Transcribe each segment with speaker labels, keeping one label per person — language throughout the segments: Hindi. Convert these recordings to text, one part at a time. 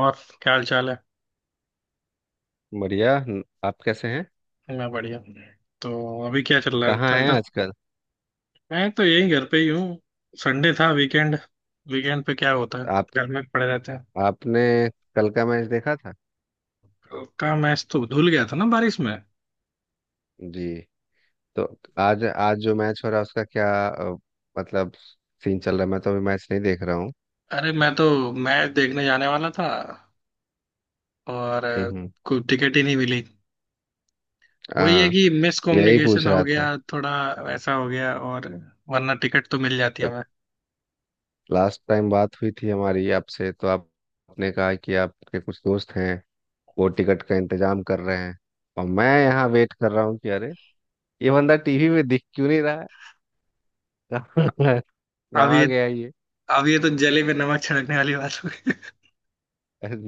Speaker 1: और क्या हाल चाल है?
Speaker 2: बढ़िया आप कैसे हैं।
Speaker 1: मैं बढ़िया। तो अभी क्या चल रहा है,
Speaker 2: कहाँ हैं
Speaker 1: ठंडा?
Speaker 2: आजकल।
Speaker 1: मैं तो यही घर पे ही हूँ। संडे था, वीकेंड। वीकेंड पे क्या होता है?
Speaker 2: आप
Speaker 1: घर में पड़े रहते हैं।
Speaker 2: आपने कल का मैच देखा था।
Speaker 1: कल का मैच तो धुल गया था ना बारिश में।
Speaker 2: जी। तो आज आज जो मैच हो रहा है उसका क्या मतलब सीन चल रहा है। मैं तो अभी मैच नहीं देख रहा हूँ।
Speaker 1: अरे, मैं तो मैच देखने जाने वाला था, और
Speaker 2: हम्म।
Speaker 1: कोई टिकट ही नहीं मिली। वही है
Speaker 2: हाँ,
Speaker 1: कि मिस
Speaker 2: यही पूछ
Speaker 1: कम्युनिकेशन हो
Speaker 2: रहा
Speaker 1: गया।
Speaker 2: था।
Speaker 1: थोड़ा वैसा हो गया, और वरना टिकट तो मिल जाती है
Speaker 2: जब
Speaker 1: हमें।
Speaker 2: लास्ट टाइम बात हुई थी हमारी आपसे तो आपने कहा कि आपके कुछ दोस्त हैं, वो टिकट का इंतजाम कर रहे हैं। और मैं यहाँ वेट कर रहा हूँ कि अरे, ये बंदा टीवी में दिख क्यों नहीं रहा है।
Speaker 1: अब ये
Speaker 2: कहाँ गया ये।
Speaker 1: अब ये तो जले में नमक छिड़कने वाली बात हो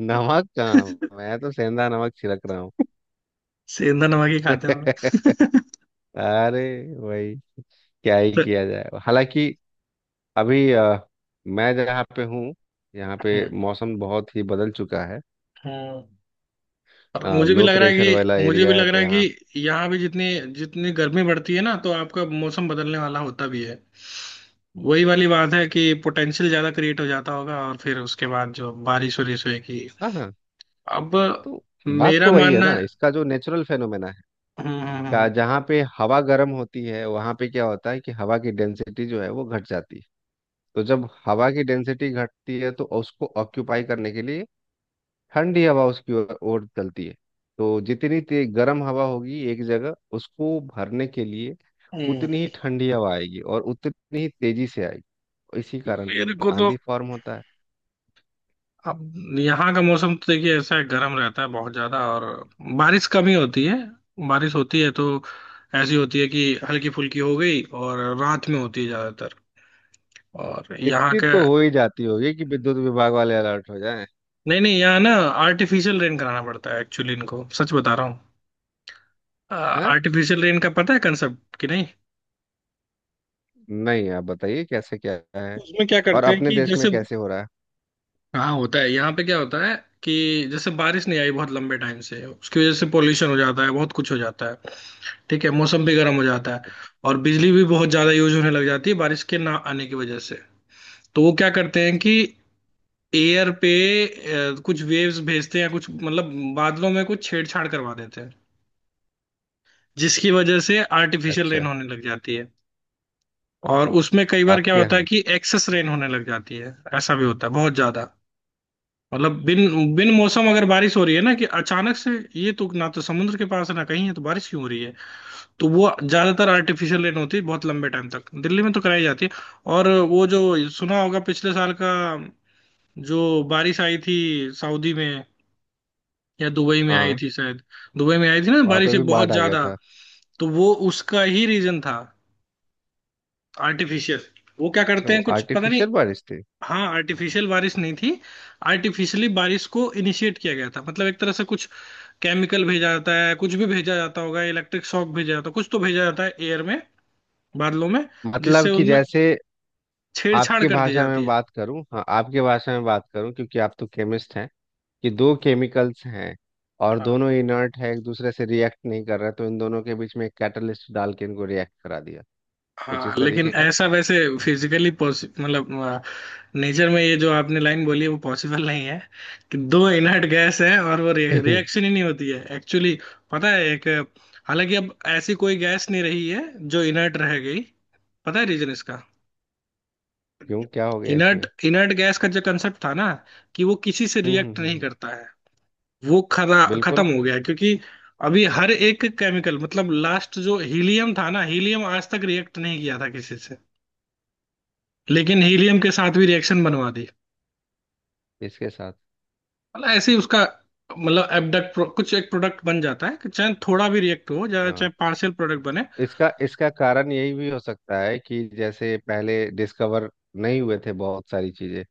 Speaker 2: नमक
Speaker 1: गई।
Speaker 2: कहाँ, मैं तो सेंधा नमक छिड़क रहा हूँ।
Speaker 1: सेंधा नमक ही खाते हैं हम लोग।
Speaker 2: अरे, वही, क्या ही
Speaker 1: तो-
Speaker 2: किया जाए हालांकि। अभी मैं जहाँ पे हूँ, यहाँ पे मौसम बहुत ही बदल चुका है।
Speaker 1: हम्म। और
Speaker 2: लो प्रेशर वाला
Speaker 1: मुझे भी
Speaker 2: एरिया है
Speaker 1: लग
Speaker 2: तो
Speaker 1: रहा है
Speaker 2: यहाँ।
Speaker 1: कि यहाँ भी जितनी जितनी गर्मी बढ़ती है ना, तो आपका मौसम बदलने वाला होता भी है। वही वाली बात है कि पोटेंशियल ज्यादा क्रिएट हो जाता होगा, और फिर उसके बाद जो बारिश वारिश होगी।
Speaker 2: हाँ हाँ।
Speaker 1: अब,
Speaker 2: तो बात
Speaker 1: मेरा
Speaker 2: तो वही है
Speaker 1: मानना
Speaker 2: ना,
Speaker 1: है।
Speaker 2: इसका जो नेचुरल फेनोमेना है
Speaker 1: हम्म,
Speaker 2: क्या।
Speaker 1: हम्म,
Speaker 2: जहाँ पे हवा गर्म होती है वहाँ पे क्या होता है कि हवा की डेंसिटी जो है वो घट जाती है। तो जब हवा की डेंसिटी घटती है तो उसको ऑक्यूपाई करने के लिए ठंडी हवा उसकी ओर ओर चलती है। तो जितनी तेज गर्म हवा होगी एक जगह, उसको भरने के लिए
Speaker 1: हम्म।
Speaker 2: उतनी ही ठंडी हवा आएगी और उतनी ही तेजी से आएगी। और इसी कारण
Speaker 1: मेरे को तो
Speaker 2: आंधी फॉर्म होता है।
Speaker 1: अब यहाँ का मौसम तो देखिए ऐसा है, गर्म रहता है बहुत ज्यादा, और बारिश कम ही होती है। बारिश होती है तो ऐसी होती है कि हल्की फुल्की हो गई, और रात में होती है ज्यादातर। और यहाँ
Speaker 2: इतनी
Speaker 1: का
Speaker 2: तो हो ही जाती होगी कि विद्युत विभाग वाले अलर्ट हो जाएं।
Speaker 1: नहीं नहीं, यहाँ ना, आर्टिफिशियल रेन कराना पड़ता है एक्चुअली, इनको सच बता रहा हूँ।
Speaker 2: हाँ।
Speaker 1: आर्टिफिशियल रेन का पता है कंसेप्ट कि नहीं?
Speaker 2: नहीं, आप बताइए कैसे क्या है।
Speaker 1: उसमें क्या
Speaker 2: और
Speaker 1: करते हैं
Speaker 2: अपने
Speaker 1: कि
Speaker 2: देश में
Speaker 1: जैसे।
Speaker 2: कैसे हो रहा है।
Speaker 1: हाँ, होता है। यहाँ पे क्या होता है कि जैसे बारिश नहीं आई बहुत लंबे टाइम से, उसकी वजह से पोल्यूशन हो जाता है, बहुत कुछ हो जाता है। ठीक है, मौसम भी गर्म हो जाता है। और बिजली भी बहुत ज्यादा यूज होने लग जाती है बारिश के ना आने की वजह से। तो वो क्या करते हैं कि एयर पे कुछ वेव्स भेजते हैं, या कुछ मतलब बादलों में कुछ छेड़छाड़ करवा देते हैं, जिसकी वजह से आर्टिफिशियल
Speaker 2: अच्छा।
Speaker 1: रेन होने लग जाती है। और उसमें कई बार क्या
Speaker 2: आपके
Speaker 1: होता है
Speaker 2: यहाँ।
Speaker 1: कि एक्सेस रेन होने लग जाती है। ऐसा भी होता है बहुत ज्यादा। मतलब बिन बिन मौसम अगर बारिश हो रही है ना, कि अचानक से, ये तो ना तो समुद्र के पास है, ना कहीं है, तो बारिश क्यों हो रही है? तो वो ज्यादातर आर्टिफिशियल रेन होती है, बहुत लंबे टाइम तक दिल्ली में तो कराई जाती है। और वो जो सुना होगा पिछले साल का, जो बारिश आई थी, सऊदी में या दुबई में आई
Speaker 2: हाँ।
Speaker 1: थी शायद। दुबई में आई थी ना,
Speaker 2: वहाँ
Speaker 1: बारिश
Speaker 2: पे भी
Speaker 1: एक बहुत
Speaker 2: बाढ़ आ गया
Speaker 1: ज्यादा।
Speaker 2: था।
Speaker 1: तो वो उसका ही रीजन था, आर्टिफिशियल। वो क्या
Speaker 2: अच्छा,
Speaker 1: करते
Speaker 2: वो
Speaker 1: हैं, कुछ पता नहीं।
Speaker 2: आर्टिफिशियल बारिश थी।
Speaker 1: हाँ, आर्टिफिशियल बारिश नहीं थी। आर्टिफिशियली बारिश को इनिशिएट किया गया था, मतलब एक तरह से कुछ केमिकल भेजा जाता है, कुछ भी भेजा जाता होगा, इलेक्ट्रिक शॉक भेजा जाता है, कुछ तो भेजा जाता है एयर में, बादलों में, जिससे
Speaker 2: मतलब कि
Speaker 1: उनमें
Speaker 2: जैसे
Speaker 1: छेड़छाड़
Speaker 2: आपकी
Speaker 1: कर दी
Speaker 2: भाषा में
Speaker 1: जाती
Speaker 2: बात करूं, हाँ आपकी भाषा में बात करूं, क्योंकि आप तो केमिस्ट हैं, कि दो केमिकल्स हैं और
Speaker 1: है।
Speaker 2: दोनों इनर्ट है, एक दूसरे से रिएक्ट नहीं कर रहे, तो इन दोनों के बीच में एक कैटलिस्ट डाल के इनको रिएक्ट करा दिया। कुछ
Speaker 1: हाँ,
Speaker 2: इस
Speaker 1: लेकिन
Speaker 2: तरीके का।
Speaker 1: ऐसा वैसे फिजिकली मतलब नेचर में, ये जो आपने लाइन बोली है, वो पॉसिबल नहीं है कि दो इनर्ट गैस है और वो
Speaker 2: क्यों।
Speaker 1: रिएक्शन ही नहीं होती है एक्चुअली। पता है। एक हालांकि अब ऐसी कोई गैस नहीं रही है जो इनर्ट रह गई। पता है रीजन इसका?
Speaker 2: क्या हो गया
Speaker 1: इनर्ट
Speaker 2: इसमें।
Speaker 1: इनर्ट गैस का जो कंसेप्ट था ना कि वो किसी से
Speaker 2: हम्म हम्म
Speaker 1: रिएक्ट
Speaker 2: हम्म
Speaker 1: नहीं
Speaker 2: हम्म,
Speaker 1: करता है, वो खरा खत्म
Speaker 2: बिल्कुल।
Speaker 1: हो गया, क्योंकि अभी हर एक केमिकल, मतलब लास्ट जो हीलियम था ना, हीलियम आज तक रिएक्ट नहीं किया था किसी से, लेकिन हीलियम के साथ भी रिएक्शन बनवा दी।
Speaker 2: इसके साथ।
Speaker 1: मतलब ऐसे ही उसका, मतलब एबडक्ट कुछ एक प्रोडक्ट बन जाता है, कि चाहे थोड़ा भी रिएक्ट हो या चाहे
Speaker 2: हाँ।
Speaker 1: पार्शियल प्रोडक्ट बने।
Speaker 2: इसका इसका कारण यही भी हो सकता है कि जैसे पहले डिस्कवर नहीं हुए थे बहुत सारी चीजें,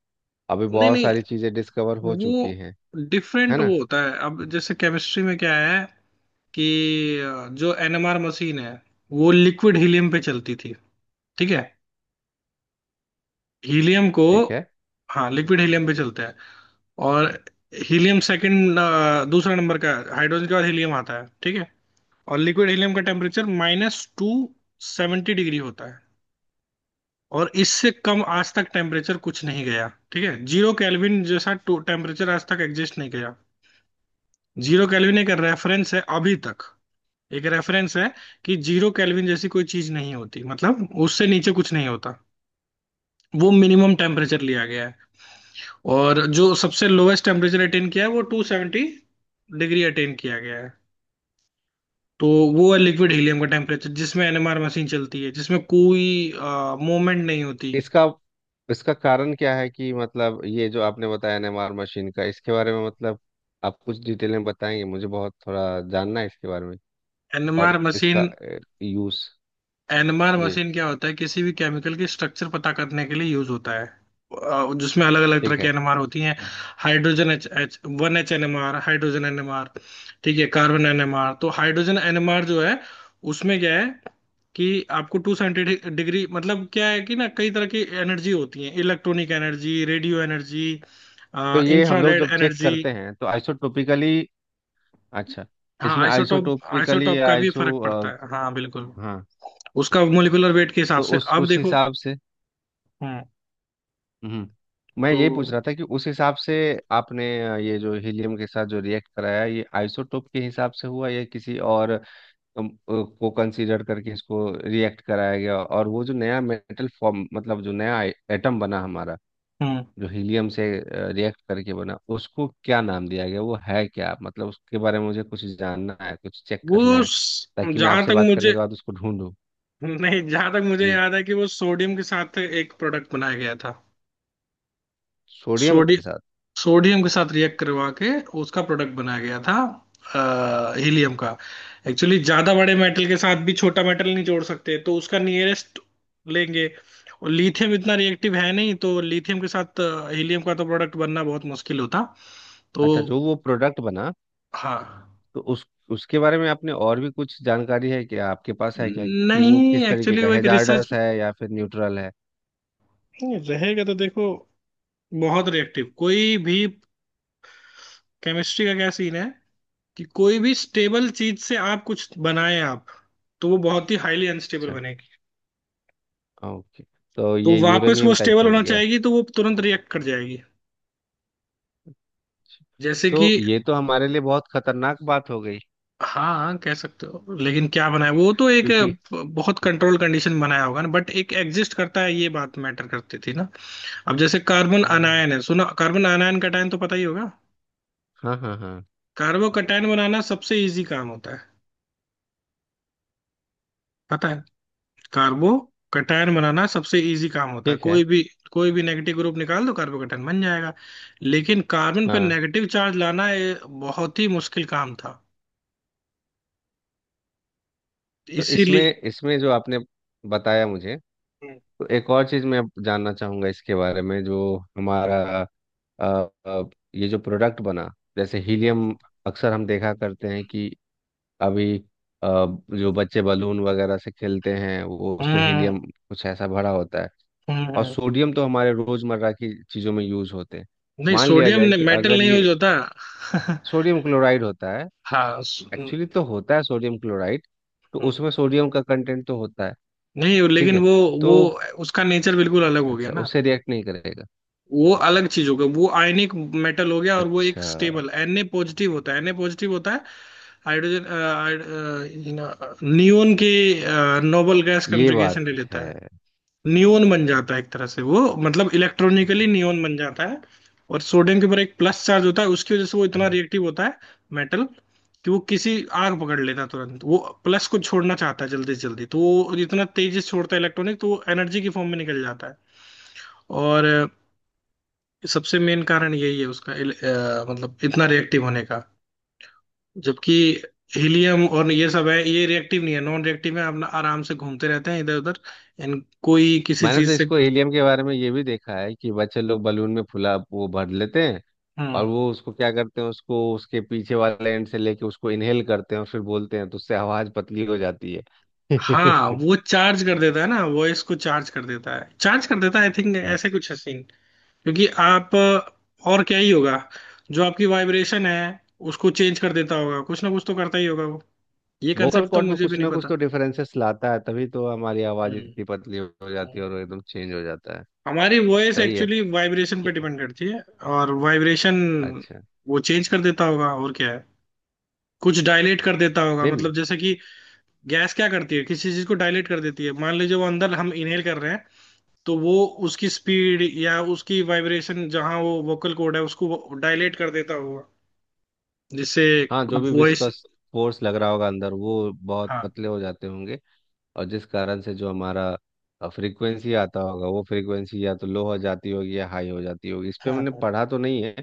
Speaker 2: अभी
Speaker 1: नहीं
Speaker 2: बहुत
Speaker 1: नहीं,
Speaker 2: सारी चीजें डिस्कवर हो चुकी हैं।
Speaker 1: वो
Speaker 2: है
Speaker 1: डिफरेंट
Speaker 2: ना।
Speaker 1: वो होता है। अब जैसे केमिस्ट्री में क्या है कि जो एनएमआर मशीन है, वो लिक्विड हीलियम पे चलती थी। ठीक है। हीलियम को
Speaker 2: ठीक है।
Speaker 1: हाँ, लिक्विड हीलियम पे चलता है। और हीलियम सेकंड, दूसरा नंबर का है। हाइड्रोजन के बाद हीलियम आता है, ठीक है। और लिक्विड हीलियम का टेम्परेचर -270 डिग्री होता है, और इससे कम आज तक टेम्परेचर कुछ नहीं गया, ठीक है। जीरो केल्विन जैसा टेम्परेचर आज तक एग्जिस्ट नहीं गया। जीरो केल्विन एक रेफरेंस है अभी तक, एक रेफरेंस है कि जीरो केल्विन जैसी कोई चीज नहीं होती, मतलब उससे नीचे कुछ नहीं होता। वो मिनिमम टेम्परेचर लिया गया है। और जो सबसे लोएस्ट टेम्परेचर अटेन किया है वो 270 डिग्री अटेन किया गया है। तो वो है लिक्विड हीलियम का टेम्परेचर जिसमें एनएमआर मशीन चलती है, जिसमें कोई मूवमेंट नहीं होती।
Speaker 2: इसका इसका कारण क्या है कि मतलब ये जो आपने बताया एनएमआर मशीन का, इसके बारे में, मतलब आप कुछ डिटेल में बताएंगे। मुझे बहुत थोड़ा जानना है इसके बारे में और
Speaker 1: एनएमआर
Speaker 2: इसका
Speaker 1: मशीन।
Speaker 2: यूज।
Speaker 1: एनएमआर
Speaker 2: जी,
Speaker 1: मशीन क्या होता है? किसी भी केमिकल की स्ट्रक्चर पता करने के लिए यूज होता है जिसमें अलग अलग तरह
Speaker 2: ठीक
Speaker 1: की
Speaker 2: है।
Speaker 1: एनएमआर होती हैं। Hydrogen H, H 1 H NMR, hydrogen NMR. ठीक है, कार्बन एनएमआर। तो हाइड्रोजन एनएमआर जो है उसमें क्या है कि आपको टू साइंटिफिक डिग्री, मतलब क्या है कि ना कई तरह की एनर्जी होती है, इलेक्ट्रॉनिक एनर्जी, रेडियो एनर्जी,
Speaker 2: तो ये हम लोग
Speaker 1: इंफ्रारेड
Speaker 2: जब चेक
Speaker 1: एनर्जी।
Speaker 2: करते हैं तो आइसोटोपिकली। अच्छा।
Speaker 1: हाँ,
Speaker 2: इसमें
Speaker 1: आइसोटॉप
Speaker 2: आइसोटोपिकली
Speaker 1: आइसोटॉप
Speaker 2: या
Speaker 1: का भी
Speaker 2: आइसो
Speaker 1: फर्क पड़ता है, हाँ बिल्कुल।
Speaker 2: हाँ।
Speaker 1: उसका मोलिकुलर वेट के हिसाब
Speaker 2: तो
Speaker 1: से,
Speaker 2: उस
Speaker 1: अब
Speaker 2: उस
Speaker 1: देखो।
Speaker 2: हिसाब से। हम्म मैं
Speaker 1: तो
Speaker 2: यही पूछ रहा था कि उस हिसाब से आपने ये जो हीलियम के साथ जो रिएक्ट कराया, ये आइसोटोप के हिसाब से हुआ या किसी और अम, अ, को कंसीडर करके इसको रिएक्ट कराया गया। और वो जो नया मेटल फॉर्म, मतलब जो नया एटम बना हमारा,
Speaker 1: हम्म
Speaker 2: जो हीलियम से रिएक्ट करके बना, उसको क्या नाम दिया गया, वो है क्या, मतलब उसके बारे में मुझे कुछ जानना है, कुछ चेक करना
Speaker 1: वो,
Speaker 2: है, ताकि मैं
Speaker 1: जहां
Speaker 2: आपसे
Speaker 1: तक
Speaker 2: बात करने
Speaker 1: मुझे,
Speaker 2: के बाद उसको ढूंढूं।
Speaker 1: नहीं जहां तक मुझे
Speaker 2: ये
Speaker 1: याद है कि वो सोडियम के साथ एक प्रोडक्ट बनाया गया था।
Speaker 2: सोडियम
Speaker 1: सोडी
Speaker 2: के साथ।
Speaker 1: सोडियम के साथ रिएक्ट करवा के उसका प्रोडक्ट बनाया गया था, हीलियम का। एक्चुअली ज्यादा बड़े मेटल के साथ भी छोटा मेटल नहीं जोड़ सकते, तो उसका नियरेस्ट लेंगे। और लिथियम इतना रिएक्टिव है नहीं, तो लिथियम के साथ हीलियम का तो प्रोडक्ट बनना बहुत मुश्किल होता। तो
Speaker 2: अच्छा, जो वो प्रोडक्ट बना,
Speaker 1: हाँ।
Speaker 2: तो उस उसके बारे में आपने और भी कुछ जानकारी है क्या, आपके पास है क्या, कि वो
Speaker 1: नहीं,
Speaker 2: किस तरीके
Speaker 1: एक्चुअली
Speaker 2: का
Speaker 1: वो एक रिसर्च,
Speaker 2: हैजार्डस है या फिर न्यूट्रल है।
Speaker 1: नहीं रहेगा, तो देखो, बहुत रिएक्टिव कोई भी। केमिस्ट्री का क्या सीन है कि कोई भी स्टेबल चीज से आप कुछ बनाए आप, तो वो बहुत ही हाईली अनस्टेबल
Speaker 2: अच्छा।
Speaker 1: बनेगी।
Speaker 2: ओके। तो
Speaker 1: तो
Speaker 2: ये
Speaker 1: वापस वो
Speaker 2: यूरेनियम टाइप
Speaker 1: स्टेबल
Speaker 2: हो
Speaker 1: होना
Speaker 2: गया।
Speaker 1: चाहेगी, तो वो तुरंत रिएक्ट कर जाएगी, जैसे
Speaker 2: तो
Speaker 1: कि।
Speaker 2: ये तो हमारे लिए बहुत खतरनाक बात हो गई
Speaker 1: हाँ हाँ, कह सकते हो लेकिन क्या बनाया, वो तो एक
Speaker 2: क्योंकि।
Speaker 1: बहुत कंट्रोल कंडीशन बनाया होगा ना, बट एक एग्जिस्ट करता है, ये बात मैटर करती थी ना। अब जैसे कार्बन
Speaker 2: हम्म,
Speaker 1: अनायन है, सुना? कार्बन अनायन कटायन तो पता ही होगा।
Speaker 2: हाँ हाँ हाँ।
Speaker 1: कार्बो कटायन बनाना सबसे इजी काम होता है। पता है? कार्बो कटायन बनाना सबसे इजी काम होता है,
Speaker 2: ठीक
Speaker 1: कोई
Speaker 2: है।
Speaker 1: भी कोई भी नेगेटिव ग्रुप निकाल दो कार्बो कटायन बन जाएगा। लेकिन कार्बन पर
Speaker 2: हाँ।
Speaker 1: नेगेटिव चार्ज लाना ये बहुत ही मुश्किल काम था,
Speaker 2: तो
Speaker 1: इसीलिए।
Speaker 2: इसमें इसमें जो आपने बताया मुझे,
Speaker 1: हम्म,
Speaker 2: तो एक और चीज़ मैं जानना चाहूँगा इसके बारे में जो हमारा अ, अ, ये जो प्रोडक्ट बना, जैसे हीलियम, अक्सर हम देखा करते हैं कि अभी जो बच्चे बलून वगैरह से खेलते हैं वो उसमें
Speaker 1: हम्म।
Speaker 2: हीलियम कुछ ऐसा भरा होता है।
Speaker 1: हम्म,
Speaker 2: और
Speaker 1: हम्म।
Speaker 2: सोडियम तो हमारे रोजमर्रा की चीज़ों में यूज होते हैं।
Speaker 1: नहीं
Speaker 2: मान लिया
Speaker 1: सोडियम
Speaker 2: जाए
Speaker 1: ने
Speaker 2: कि
Speaker 1: मेटल
Speaker 2: अगर
Speaker 1: नहीं
Speaker 2: ये
Speaker 1: यूज होता।
Speaker 2: सोडियम क्लोराइड होता है,
Speaker 1: हाँ,
Speaker 2: एक्चुअली तो होता है सोडियम क्लोराइड, तो
Speaker 1: हम्म।
Speaker 2: उसमें सोडियम का कंटेंट तो होता है।
Speaker 1: नहीं
Speaker 2: ठीक
Speaker 1: लेकिन
Speaker 2: है।
Speaker 1: वो
Speaker 2: तो
Speaker 1: वो उसका नेचर बिल्कुल अलग हो गया
Speaker 2: अच्छा,
Speaker 1: ना।
Speaker 2: उससे रिएक्ट नहीं करेगा।
Speaker 1: वो अलग चीज होगा, वो आयनिक मेटल हो गया, और वो एक
Speaker 2: अच्छा,
Speaker 1: स्टेबल Na पॉजिटिव होता है, Na पॉजिटिव होता है। हाइड्रोजन, नियोन के नोबल गैस
Speaker 2: ये
Speaker 1: कॉन्फ़िगरेशन
Speaker 2: बात
Speaker 1: ले लेता
Speaker 2: है।
Speaker 1: है। नियोन बन जाता है एक तरह से, वो मतलब इलेक्ट्रॉनिकली नियोन बन जाता है। और सोडियम के ऊपर एक प्लस चार्ज होता है, उसकी वजह से वो इतना
Speaker 2: हाँ।
Speaker 1: रिएक्टिव होता है, मेटल, कि वो किसी, आग पकड़ लेता है तुरंत, वो प्लस को छोड़ना चाहता है जल्दी से जल्दी, तो वो इतना तेजी से छोड़ता है इलेक्ट्रॉनिक, तो वो एनर्जी की फॉर्म में निकल जाता है। और सबसे मेन कारण यही है उसका मतलब इतना रिएक्टिव होने का, जबकि हीलियम और ये सब है, ये रिएक्टिव नहीं है, नॉन रिएक्टिव है, अपना आराम से घूमते रहते हैं इधर उधर, इन कोई किसी
Speaker 2: मैंने तो
Speaker 1: चीज से।
Speaker 2: इसको हीलियम के बारे में ये भी देखा है कि बच्चे लोग बलून में फुला वो भर लेते हैं,
Speaker 1: हम्म।
Speaker 2: और वो उसको क्या करते हैं, उसको उसके पीछे वाले एंड से लेके उसको इनहेल करते हैं और फिर बोलते हैं, तो उससे आवाज पतली हो जाती है।
Speaker 1: हाँ, वो चार्ज कर देता है ना, वॉइस को चार्ज कर देता है, चार्ज कर देता है, आई थिंक ऐसे कुछ है सीन, क्योंकि और क्या ही होगा, जो आपकी वाइब्रेशन है, उसको चेंज कर देता होगा, कुछ ना कुछ तो करता ही होगा वो। ये
Speaker 2: वोकल
Speaker 1: कंसेप्ट तो
Speaker 2: कॉर्ड में
Speaker 1: मुझे भी
Speaker 2: कुछ
Speaker 1: नहीं
Speaker 2: ना कुछ
Speaker 1: पता।
Speaker 2: तो डिफरेंसेस लाता है, तभी तो हमारी आवाज इतनी पतली हो जाती है
Speaker 1: हम्म।
Speaker 2: और वो एकदम चेंज हो जाता है।
Speaker 1: हमारी वॉइस
Speaker 2: सही है।
Speaker 1: एक्चुअली वाइब्रेशन
Speaker 2: कि,
Speaker 1: पे डिपेंड करती है, और वाइब्रेशन
Speaker 2: अच्छा
Speaker 1: वो चेंज कर देता होगा, और क्या है, कुछ डायलेट कर देता होगा,
Speaker 2: बेबी।
Speaker 1: मतलब जैसे कि गैस क्या करती है, किसी चीज को डायलेट कर देती है, मान लीजिए वो अंदर हम इनहेल कर रहे हैं, तो वो उसकी स्पीड या उसकी वाइब्रेशन, जहाँ वो वोकल कॉर्ड है उसको डायलेट कर देता होगा, जिससे
Speaker 2: हाँ, जो भी
Speaker 1: वॉइस।
Speaker 2: विस्कस फोर्स लग रहा होगा अंदर, वो बहुत
Speaker 1: हाँ,
Speaker 2: पतले हो जाते होंगे, और जिस कारण से जो हमारा फ्रीक्वेंसी आता होगा, वो फ्रीक्वेंसी या तो लो हो जाती होगी या हाई हो जाती होगी। इस पे
Speaker 1: हाँ,
Speaker 2: मैंने
Speaker 1: हाँ।
Speaker 2: पढ़ा तो नहीं है,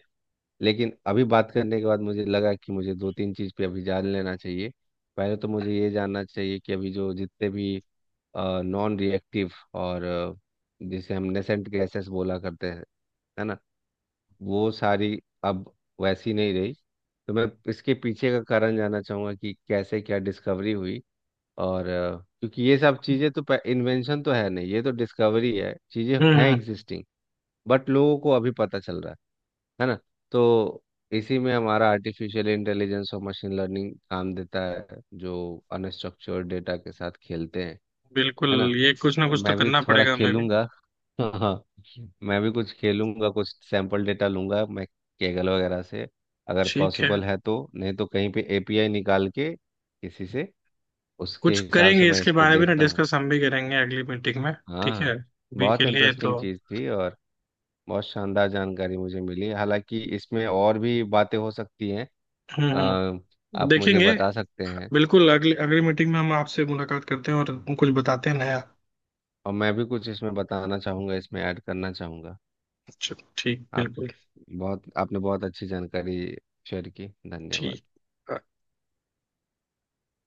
Speaker 2: लेकिन अभी बात करने के बाद मुझे लगा कि मुझे दो तीन चीज़ पे अभी जान लेना चाहिए। पहले तो मुझे ये जानना चाहिए कि अभी जो जितने भी नॉन रिएक्टिव और जिसे हम नेसेंट गैसेस बोला करते हैं, है ना, वो सारी अब वैसी नहीं रही। तो मैं इसके पीछे का कारण जानना चाहूंगा कि कैसे क्या डिस्कवरी हुई। और क्योंकि ये सब चीजें तो इन्वेंशन तो है नहीं, ये तो डिस्कवरी है, चीजें हैं
Speaker 1: हम्म।
Speaker 2: एग्जिस्टिंग, बट लोगों को अभी पता चल रहा है। है ना। तो इसी में हमारा आर्टिफिशियल इंटेलिजेंस और मशीन लर्निंग काम देता है, जो अनस्ट्रक्चर्ड डेटा के साथ खेलते हैं,
Speaker 1: बिल्कुल,
Speaker 2: है ना।
Speaker 1: ये कुछ ना
Speaker 2: तो
Speaker 1: कुछ तो
Speaker 2: मैं भी
Speaker 1: करना
Speaker 2: थोड़ा
Speaker 1: पड़ेगा हमें भी।
Speaker 2: खेलूंगा। हाँ, मैं भी कुछ खेलूंगा, कुछ सैंपल डेटा लूंगा मैं कैगल वगैरह से, अगर
Speaker 1: ठीक है,
Speaker 2: पॉसिबल है तो, नहीं तो कहीं पे एपीआई निकाल के किसी से। उसके
Speaker 1: कुछ
Speaker 2: हिसाब से
Speaker 1: करेंगे
Speaker 2: मैं इस
Speaker 1: इसके
Speaker 2: पे
Speaker 1: बारे में ना,
Speaker 2: देखता हूँ।
Speaker 1: डिस्कस हम भी करेंगे अगली मीटिंग में। ठीक है,
Speaker 2: हाँ।
Speaker 1: अभी
Speaker 2: बहुत
Speaker 1: के लिए
Speaker 2: इंटरेस्टिंग
Speaker 1: तो।
Speaker 2: चीज़ थी, और बहुत शानदार जानकारी मुझे मिली, हालांकि इसमें और भी बातें हो सकती हैं।
Speaker 1: हम्म,
Speaker 2: अ,
Speaker 1: हम्म।
Speaker 2: आप मुझे
Speaker 1: देखेंगे।
Speaker 2: बता सकते हैं।
Speaker 1: बिल्कुल, अगली अगली मीटिंग में हम आपसे मुलाकात करते हैं और कुछ बताते हैं नया।
Speaker 2: और मैं भी कुछ इसमें बताना चाहूँगा, इसमें ऐड करना चाहूँगा।
Speaker 1: अच्छा ठीक,
Speaker 2: आप,
Speaker 1: बिल्कुल
Speaker 2: बहुत आपने बहुत अच्छी जानकारी शेयर की, धन्यवाद।
Speaker 1: ठीक।